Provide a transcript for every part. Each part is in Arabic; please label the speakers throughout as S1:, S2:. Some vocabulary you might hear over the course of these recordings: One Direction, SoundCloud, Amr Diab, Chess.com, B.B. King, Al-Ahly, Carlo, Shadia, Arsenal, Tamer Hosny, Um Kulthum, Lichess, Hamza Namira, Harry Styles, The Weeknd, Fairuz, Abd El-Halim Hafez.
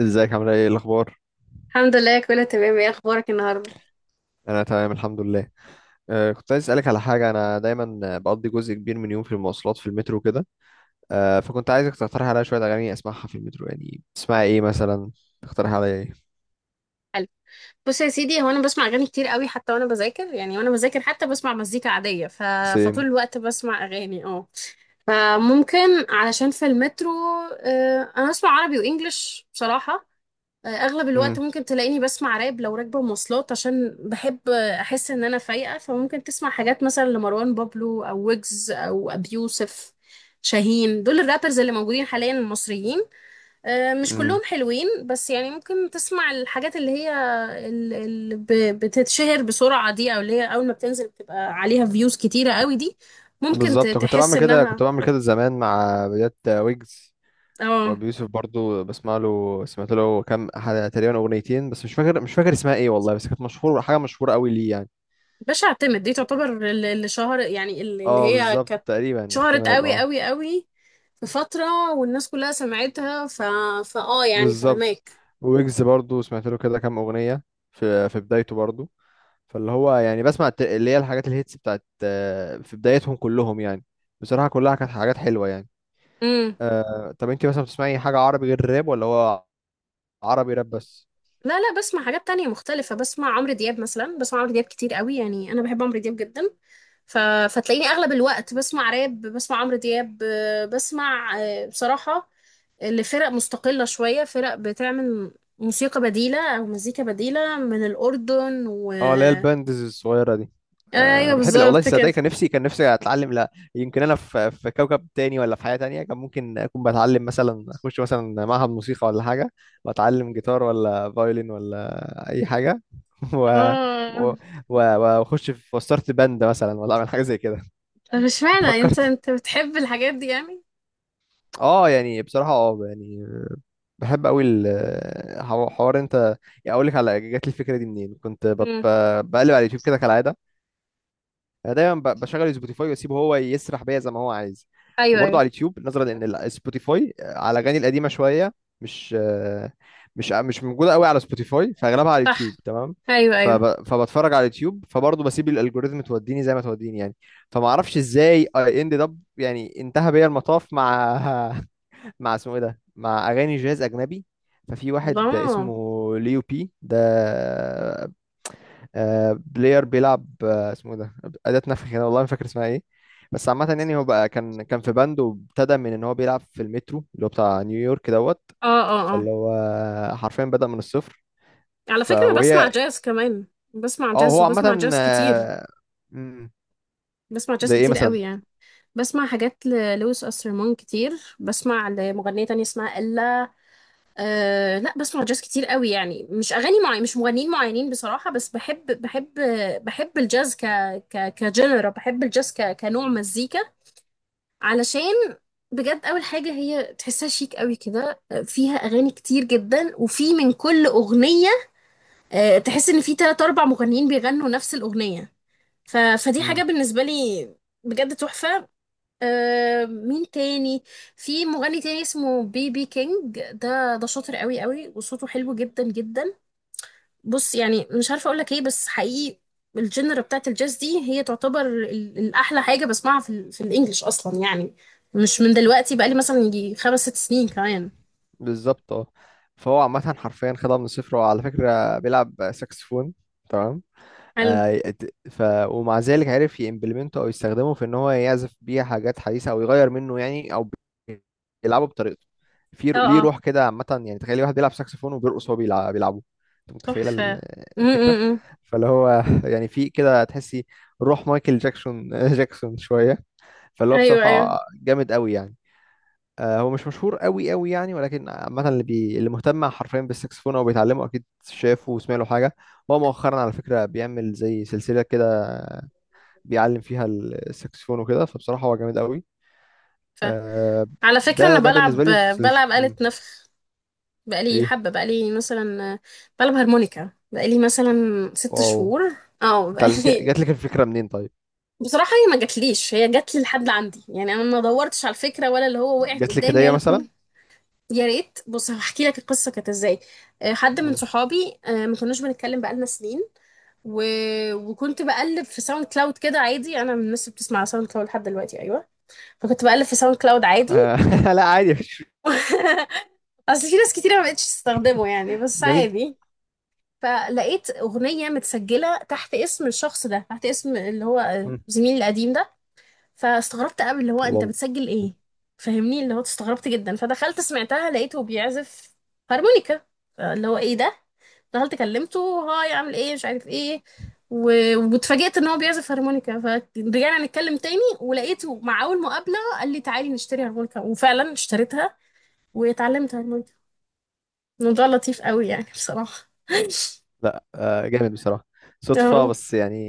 S1: ازيك؟ عامله ايه؟ إيه الاخبار؟
S2: الحمد لله، كله تمام. ايه اخبارك النهارده؟
S1: انا تمام الحمد لله. كنت عايز اسالك على حاجه، انا دايما بقضي جزء كبير من يوم في المواصلات، في المترو كده. فكنت عايزك تقترح عليا شويه اغاني اسمعها في المترو، يعني تسمعي ايه مثلا؟ تقترح عليا ايه؟
S2: حلو. بص يا سيدي، هو انا بسمع اغاني كتير قوي حتى وانا بذاكر، يعني وانا بذاكر حتى بسمع مزيكا عاديه. فطول
S1: سيم.
S2: الوقت بسمع اغاني. اه فممكن، علشان في المترو. انا بسمع عربي وانجليش بصراحه. اغلب الوقت
S1: امم.
S2: ممكن تلاقيني بسمع راب لو راكبه مواصلات، عشان بحب، احس ان انا فايقه. فممكن تسمع حاجات مثلا لمروان بابلو او ويجز او ابي يوسف شاهين. دول الرابرز اللي موجودين حاليا المصريين. مش
S1: امم.
S2: كلهم حلوين بس يعني، ممكن تسمع الحاجات اللي هي اللي بتتشهر بسرعة دي، او اللي هي اول ما بتنزل بتبقى عليها فيوز كتيرة قوي دي. ممكن
S1: بالظبط، كنت
S2: تحس
S1: بعمل كده
S2: انها.
S1: كنت بعمل كده زمان مع بدايات ويجز.
S2: اه.
S1: وابي يوسف برضو بسمع له سمعت له كام تقريبا اغنيتين، بس مش فاكر اسمها ايه والله. بس كانت حاجه مشهوره قوي ليه يعني.
S2: باش اعتمد دي تعتبر اللي شهر، يعني اللي
S1: اه
S2: هي
S1: بالظبط،
S2: كانت
S1: تقريبا
S2: شهرت
S1: احتمال
S2: قوي
S1: اه
S2: قوي قوي في فترة، والناس كلها سمعتها. فاه يعني
S1: بالظبط.
S2: فهماك.
S1: ويجز برضو سمعت له كده كام اغنيه في بدايته برضو. فاللي هو يعني بسمع اللي هي الحاجات الهيتس بتاعت في بدايتهم كلهم يعني. بصراحه كلها كانت حاجات حلوه يعني.
S2: امم.
S1: طب انت مثلا بتسمعي حاجه عربي غير الراب، ولا هو عربي راب بس؟
S2: لا لا، بسمع حاجات تانية مختلفة. بسمع عمرو دياب مثلا، بسمع عمرو دياب كتير قوي، يعني أنا بحب عمرو دياب جدا. ف... فتلاقيني أغلب الوقت بسمع راب، بسمع عمرو دياب، بسمع، بصراحة لفرق مستقلة، شوية فرق بتعمل موسيقى بديلة أو مزيكا بديلة من الأردن و...
S1: اه، اللي هي الباندز الصغيره دي. أه
S2: أيوه
S1: بحب. لا والله
S2: بالظبط كده.
S1: تصدقي، كان نفسي اتعلم. لا يمكن، انا في كوكب تاني، ولا في حياه تانية كان ممكن اكون بتعلم مثلا، اخش مثلا معهد موسيقى ولا حاجه، واتعلم جيتار ولا فايولين ولا اي حاجه. و...
S2: اه.
S1: و... واخش في وستارت باند مثلا، ولا اعمل حاجه زي كده.
S2: طب اشمعنى انت
S1: فكرت.
S2: انت بتحب الحاجات دي يعني؟
S1: اه يعني بصراحه، يعني بحب قوي الحوار انت. يعني اقول لك على جات لي الفكره دي منين، كنت
S2: مم.
S1: بقلب على اليوتيوب كده كالعاده. انا دايما بشغل سبوتيفاي واسيبه هو يسرح بيا زي ما هو عايز،
S2: ايوه
S1: وبرضه
S2: ايوه.
S1: على اليوتيوب نظرا ان سبوتيفاي على الاغاني القديمه شويه مش آه، مش موجوده قوي على سبوتيفاي، فاغلبها على اليوتيوب.
S2: صح.
S1: تمام.
S2: ايوه ايوه.
S1: فبتفرج على اليوتيوب، فبرضه بسيب الالجوريزم توديني زي ما توديني يعني. فما اعرفش ازاي اي اند اب، يعني انتهى بيا المطاف مع مع اسمه ايه ده، مع اغاني جاز اجنبي. ففي واحد اسمه
S2: الله.
S1: ليو بي ده. بلاير بيلعب، اسمه إيه ده، أداة نفخ هنا والله ما فاكر اسمها ايه. بس عامة يعني هو بقى كان في باند، وابتدى من ان هو بيلعب في المترو اللي هو بتاع نيويورك دوت.
S2: اه اه اه.
S1: فاللي هو حرفيا بدأ من الصفر.
S2: على
S1: ف
S2: فكرة أنا بسمع
S1: وهي.
S2: جاز كمان. بسمع
S1: اه،
S2: جاز،
S1: هو
S2: وبسمع
S1: عامة
S2: جاز كتير.
S1: آه، مم.
S2: بسمع جاز
S1: زي ايه
S2: كتير
S1: مثلا؟
S2: قوي يعني. بسمع حاجات للويس أسترمون كتير، بسمع لمغنية تانية اسمها إلا. أه لا، بسمع جاز كتير قوي يعني. مش أغاني معين، مش مغنيين معينين بصراحة، بس بحب، بحب، بحب الجاز ك كجنرا. بحب الجاز كنوع مزيكا، علشان بجد أول حاجة هي تحسها شيك قوي كده. فيها أغاني كتير جدا، وفي من كل أغنية تحس ان في 3 4 مغنيين بيغنوا نفس الاغنيه. ف... فدي حاجة
S1: مم.
S2: بالنسبة لي بجد تحفة. آه، مين تاني؟ في مغني تاني اسمه بي بي كينج. ده شاطر قوي قوي، وصوته حلو جدا جدا. بص يعني، مش عارفة اقولك ايه، بس حقيقي الجنرا بتاعت الجاز دي هي تعتبر الأحلى حاجة بسمعها في الإنجليش أصلا يعني. مش من دلوقتي، بقالي مثلا يجي 5 6 سنين كمان.
S1: بالظبط اه فهو عامة حرفيا خدها من الصفر، وعلى فكرة بيلعب ساكسفون. تمام.
S2: حلو.
S1: آه، ت- ف ومع ذلك عرف يمبلمنته، او يستخدمه في ان هو يعزف بيه حاجات حديثه، او يغير منه يعني، او بي- يلعبه بطريقته. في
S2: اه
S1: ليه
S2: اه
S1: روح كده عامه يعني. تخيل واحد بيلعب ساكسفون وبيرقص وهو بيلعبه. انت متخيله
S2: تحفة. م-
S1: الفكره؟
S2: م- م.
S1: فاللي هو يعني في كده تحسي روح مايكل جاكسون شويه. فاللي هو
S2: ايوه ايوه.
S1: بصراحه جامد قوي يعني. هو مش مشهور قوي قوي يعني، ولكن عامة اللي مهتم حرفيا بالسكسفون او بيتعلمه اكيد شافه وسمع له حاجة. هو مؤخرا على فكرة بيعمل زي سلسلة كده، بيعلم فيها السكسفون وكده، فبصراحة هو جامد قوي.
S2: ف...
S1: آه،
S2: على فكرة
S1: ده
S2: انا
S1: ده
S2: بلعب،
S1: بالنسبة لي في سلس...
S2: بلعب آلة
S1: مم،
S2: نفخ. بقالي
S1: ايه؟
S2: حبة، بقالي مثلا بلعب هارمونيكا بقالي مثلا ست
S1: واو.
S2: شهور اه
S1: اتعلمت؟
S2: بقالي.
S1: جات لك الفكرة منين طيب؟
S2: بصراحة هي ما جاتليش، هي جاتلي لحد عندي يعني. انا ما دورتش على الفكرة، ولا اللي هو وقعت
S1: جات لك
S2: قدامي
S1: هدية
S2: ولا
S1: مثلا؟
S2: كل. يا ريت. بص، هحكي لك القصة كانت ازاي. حد من
S1: مم.
S2: صحابي، ما كناش بنتكلم بقالنا سنين. و... وكنت بقلب في ساوند كلاود كده عادي. انا من الناس اللي بتسمع ساوند كلاود لحد دلوقتي، ايوه. فكنت بقلب في ساوند كلاود عادي.
S1: آه، لا عادي مفيش.
S2: اصل في ناس كتير ما بقتش تستخدمه يعني، بس
S1: جميل.
S2: عادي. فلقيت أغنية متسجلة تحت اسم الشخص ده، تحت اسم اللي هو
S1: مم.
S2: زميلي القديم ده. فاستغربت قوي، اللي هو انت
S1: واو.
S2: بتسجل ايه؟ فاهمني، اللي هو استغربت جدا. فدخلت سمعتها، لقيته بيعزف هارمونيكا. اللي هو ايه ده. دخلت كلمته، هاي، عامل ايه، مش عارف ايه. و... واتفاجئت ان هو بيعزف هارمونيكا. فرجعنا نتكلم تاني، ولقيته مع اول مقابلة قال لي تعالي نشتري هارمونيكا، وفعلا اشتريتها واتعلمت هارمونيكا. الموضوع لطيف قوي يعني بصراحة.
S1: لا، جامد بصراحة. صدفة
S2: اه.
S1: بس يعني.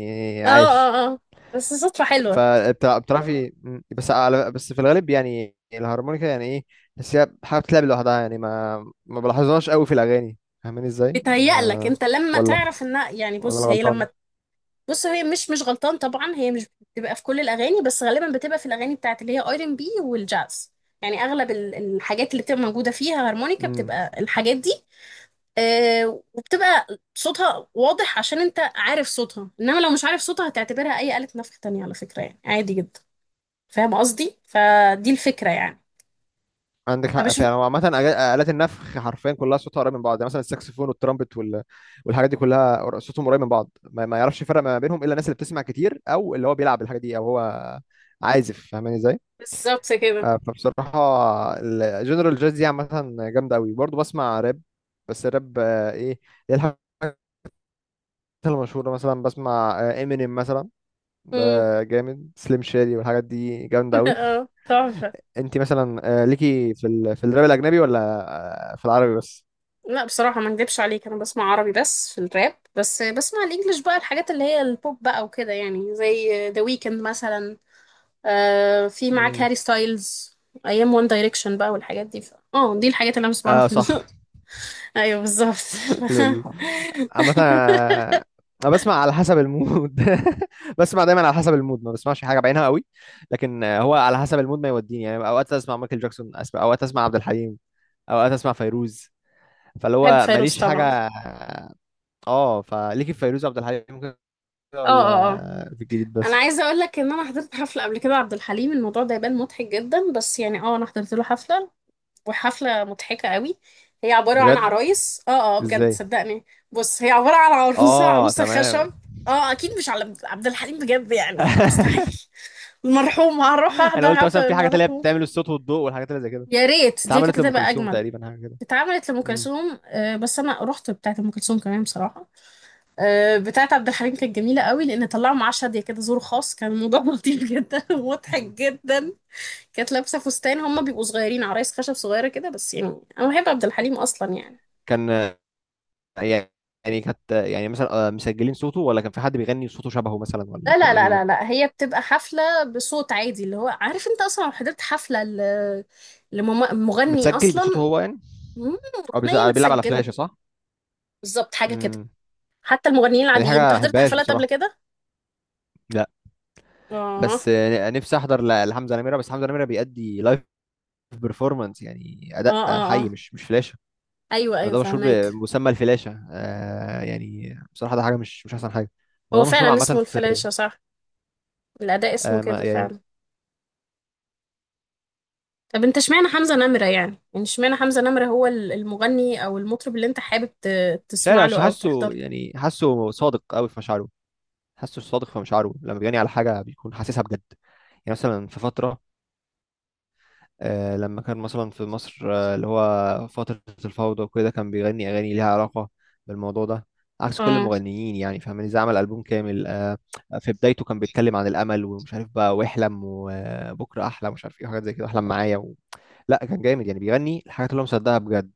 S2: اه
S1: عاش.
S2: اه اه. بس صدفة حلوة.
S1: فبتعرفي، بس في الغالب يعني الهارمونيكا يعني ايه؟ بس هي حاجه بتلعب لوحدها، يعني ما بلاحظهاش قوي في الاغاني. فاهماني ازاي؟
S2: بتهيألك
S1: ما
S2: انت لما
S1: ولا
S2: تعرف انها يعني،
S1: ولا انا
S2: بص هي
S1: غلطان؟
S2: لما، بص هي مش غلطان طبعا. هي مش بتبقى في كل الاغاني، بس غالبا بتبقى في الاغاني بتاعت اللي هي ار ام بي والجاز. يعني اغلب الحاجات اللي بتبقى موجودة فيها هارمونيكا
S1: امم.
S2: بتبقى الحاجات دي. آه، وبتبقى صوتها واضح عشان انت عارف صوتها، انما لو مش عارف صوتها هتعتبرها اي آلة نفخ تانية على فكرة، يعني عادي جدا. فاهم قصدي؟ فدي الفكرة يعني.
S1: عندك حق
S2: فمش.
S1: فعلا، هو عامه آلات النفخ حرفيا كلها صوتها قريب من بعض، يعني مثلا الساكسفون والترامبت والحاجات دي كلها صوتهم قريب من بعض، ما يعرفش يفرق ما بينهم الا الناس اللي بتسمع كتير، او اللي هو بيلعب الحاجه دي، او هو عازف. فاهماني ازاي؟
S2: بالظبط كده.
S1: فبصراحة الجنرال جاز دي عامة جامدة أوي. برضه بسمع راب، بس الراب، إيه، هي الحاجات المشهورة، مثلا بسمع امينيم مثلا. ده
S2: امم.
S1: جامد، سليم شادي والحاجات دي جامدة أوي.
S2: اه تحفة.
S1: أنت مثلا، ليكي في في الراب الأجنبي، ولا في العربي بس؟
S2: لا، بصراحة ما اكدبش عليك، انا بسمع عربي بس في الراب. بس بسمع الانجليش بقى الحاجات اللي هي البوب بقى وكده يعني، زي ذا ويكند مثلا. آه، في معاك
S1: مم.
S2: هاري ستايلز. ايام وان دايركشن بقى، والحاجات دي. اه، دي الحاجات اللي انا بسمعها
S1: اه
S2: في
S1: صح.
S2: ايوه بالظبط.
S1: لول. عامة أنا بسمع على حسب المود. بسمع دايما على حسب المود، ما بسمعش حاجة بعينها قوي. لكن، هو على حسب المود ما يوديني. يعني أوقات أسمع مايكل جاكسون، أوقات أسمع عبد الحليم، أوقات أسمع فيروز. فاللي
S2: بحب
S1: هو
S2: فيروز
S1: ماليش
S2: طبعا.
S1: حاجة. اه، فليكي في فيروز وعبد الحليم كده،
S2: اه اه اه.
S1: ولا في الجديد
S2: انا
S1: بس؟
S2: عايزه اقول لك ان انا حضرت حفله قبل كده عبد الحليم. الموضوع ده يبان مضحك جدا بس يعني، اه، انا حضرت له حفله، وحفلة مضحكة قوي. هي عبارة عن
S1: بجد؟
S2: عرايس، اه. اه بجد
S1: ازاي؟
S2: صدقني. بص، هي عبارة عن عروسة
S1: اه
S2: عروسة
S1: تمام.
S2: خشب. اه، اكيد مش على عبد الحليم بجد يعني، مستحيل المرحوم هروح
S1: انا
S2: احضر
S1: قلت مثلا
S2: حفلة
S1: في حاجات اللي هي
S2: المرحوم.
S1: بتعمل الصوت والضوء والحاجات اللي زي كده.
S2: يا ريت، دي كانت
S1: اتعملت لام
S2: هتبقى
S1: كلثوم
S2: اجمل.
S1: تقريبا حاجه كده.
S2: اتعملت لأم كلثوم، آه. بس انا رحت بتاعة أم كلثوم كمان بصراحة. آه، بتاعة عبد الحليم كانت جميلة قوي، لان طلعوا معاه شادية كده، زور خاص. كان الموضوع لطيف جدا ومضحك
S1: امم.
S2: جدا. كانت لابسة فستان، هما بيبقوا صغيرين، عرايس خشب صغيرة كده، بس يعني انا بحب عبد الحليم اصلا يعني.
S1: كان يعني، يعني كانت يعني مثلا، مسجلين صوته، ولا كان في حد بيغني صوته شبهه مثلا، ولا
S2: لا
S1: كان
S2: لا
S1: ايه
S2: لا
S1: بالظبط؟
S2: لا لا، هي بتبقى حفلة بصوت عادي. اللي هو عارف، انت اصلا لو حضرت حفلة لمغني
S1: متسجل بصوته
S2: اصلا.
S1: هو يعني،
S2: مم،
S1: او
S2: اغنية
S1: بيلعب على
S2: متسجلة.
S1: فلاشة صح؟
S2: بالظبط حاجة كده.
S1: امم.
S2: حتى المغنيين
S1: دي حاجة
S2: العاديين، انت
S1: ما
S2: حضرت
S1: بحبهاش
S2: حفلات قبل
S1: بصراحة.
S2: كده؟
S1: لا.
S2: اه اه
S1: بس، نفسي احضر لحمزة نمرة، بس حمزة نمرة بيأدي لايف بيرفورمانس، يعني
S2: اه.
S1: اداء حي،
S2: اه
S1: مش فلاشة.
S2: ايوه ايوه
S1: ده مشهور
S2: فهماك.
S1: بمسمى الفلاشة، يعني بصراحة ده حاجة مش احسن حاجة.
S2: هو
S1: وده مشهور
S2: فعلا
S1: عامة
S2: اسمه
S1: في
S2: الفلاشة صح. الاداء اسمه
S1: ما
S2: كده
S1: يعني.
S2: فعلا. طب انت اشمعنى حمزة نمرة يعني، اشمعنى حمزة نمرة هو المغني او المطرب اللي انت حابب
S1: مش عارف،
S2: تسمع له
S1: عشان
S2: او تحضر
S1: حاسه
S2: له؟
S1: يعني، حاسه صادق قوي في مشاعره، حاسه صادق في مشاعره، لما بيجاني على حاجه بيكون حاسسها بجد. يعني مثلا في فتره، لما كان مثلا في مصر، اللي هو فتره الفوضى وكده، كان بيغني اغاني ليها علاقه بالموضوع ده. عكس كل
S2: اه
S1: المغنيين يعني، فاهمني ازاي؟ عمل البوم كامل. في بدايته كان بيتكلم عن الامل ومش عارف بقى، واحلم وبكره احلى، مش عارف ايه، حاجات زي كده. احلم معايا. لا كان جامد يعني، بيغني الحاجات اللي هو مصدقها بجد.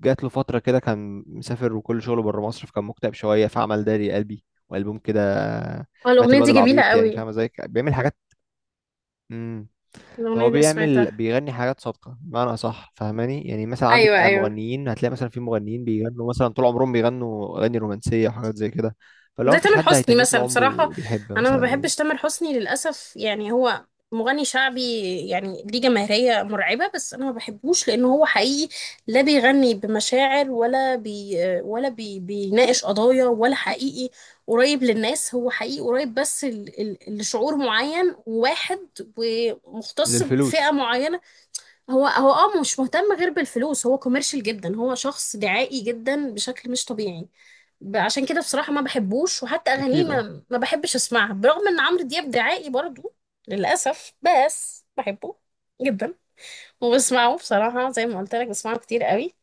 S1: جات له فترة كده كان مسافر وكل شغله بره مصر، فكان مكتئب شوية، فعمل داري قلبي، وألبوم كده.
S2: اه.
S1: مات
S2: الاغنية
S1: الواد
S2: دي جميلة
S1: العبيط. يعني
S2: قوي.
S1: فاهمة ازاي؟ بيعمل حاجات. امم.
S2: الاغنية
S1: فهو
S2: دي سمعتها.
S1: بيغني حاجات صادقة بمعنى أصح، فاهماني. يعني مثلا عندك
S2: ايوه
S1: آه،
S2: ايوه.
S1: مغنيين هتلاقي مثلا، في مغنيين بيغنوا مثلا طول عمرهم بيغنوا أغاني رومانسية وحاجات زي كده. فلو
S2: زي
S1: مفيش
S2: تامر
S1: حد
S2: حسني
S1: هيتنيه طول
S2: مثلا بصراحة.
S1: عمره بيحب
S2: أنا ما
S1: مثلا.
S2: بحبش تامر حسني للأسف، يعني هو مغني شعبي، يعني ليه جماهيرية مرعبة، بس أنا ما بحبوش لأنه هو حقيقي لا بيغني بمشاعر ولا بي بيناقش قضايا، ولا حقيقي قريب للناس. هو حقيقي قريب بس لشعور معين وواحد، ومختص بفئة
S1: للفلوس.
S2: معينة. هو اه، مش مهتم غير بالفلوس. هو كوميرشال جدا، هو شخص دعائي جدا بشكل مش طبيعي. عشان كده بصراحة ما بحبوش، وحتى أغانيه
S1: أكيد اه.
S2: ما بحبش أسمعها، برغم إن عمرو دياب دعائي برضو للأسف. بس بحبه جدا، وبسمعه بصراحة زي ما قلت لك بسمعه كتير قوي.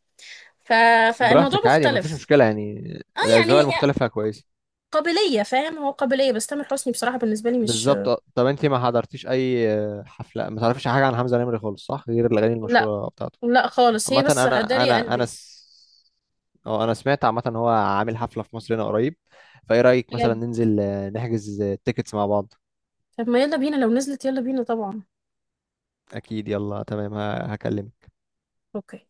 S2: ف... فالموضوع
S1: براحتك عادي، مفيش
S2: مختلف.
S1: مشكلة يعني.
S2: اه يعني،
S1: الأذواق
S2: هي
S1: المختلفة كويسة.
S2: قابلية، فاهم؟ هو قابلية. بس تامر حسني بصراحة بالنسبة لي مش.
S1: بالظبط. طب انت ما حضرتيش اي حفله؟ ما تعرفيش حاجه عن حمزه نمري خالص صح، غير الاغاني
S2: لا،
S1: المشهوره بتاعته.
S2: لا خالص. هي
S1: عامه،
S2: بس
S1: انا
S2: هداري
S1: انا انا
S2: قلبي.
S1: س... اه انا سمعت عامه ان هو عامل حفله في مصر هنا قريب. فايه رايك مثلا
S2: بجد.
S1: ننزل نحجز تيكتس مع بعض؟
S2: طب ما يلا بينا، لو نزلت يلا بينا طبعا.
S1: اكيد. يلا تمام، هكلمك.
S2: اوكي.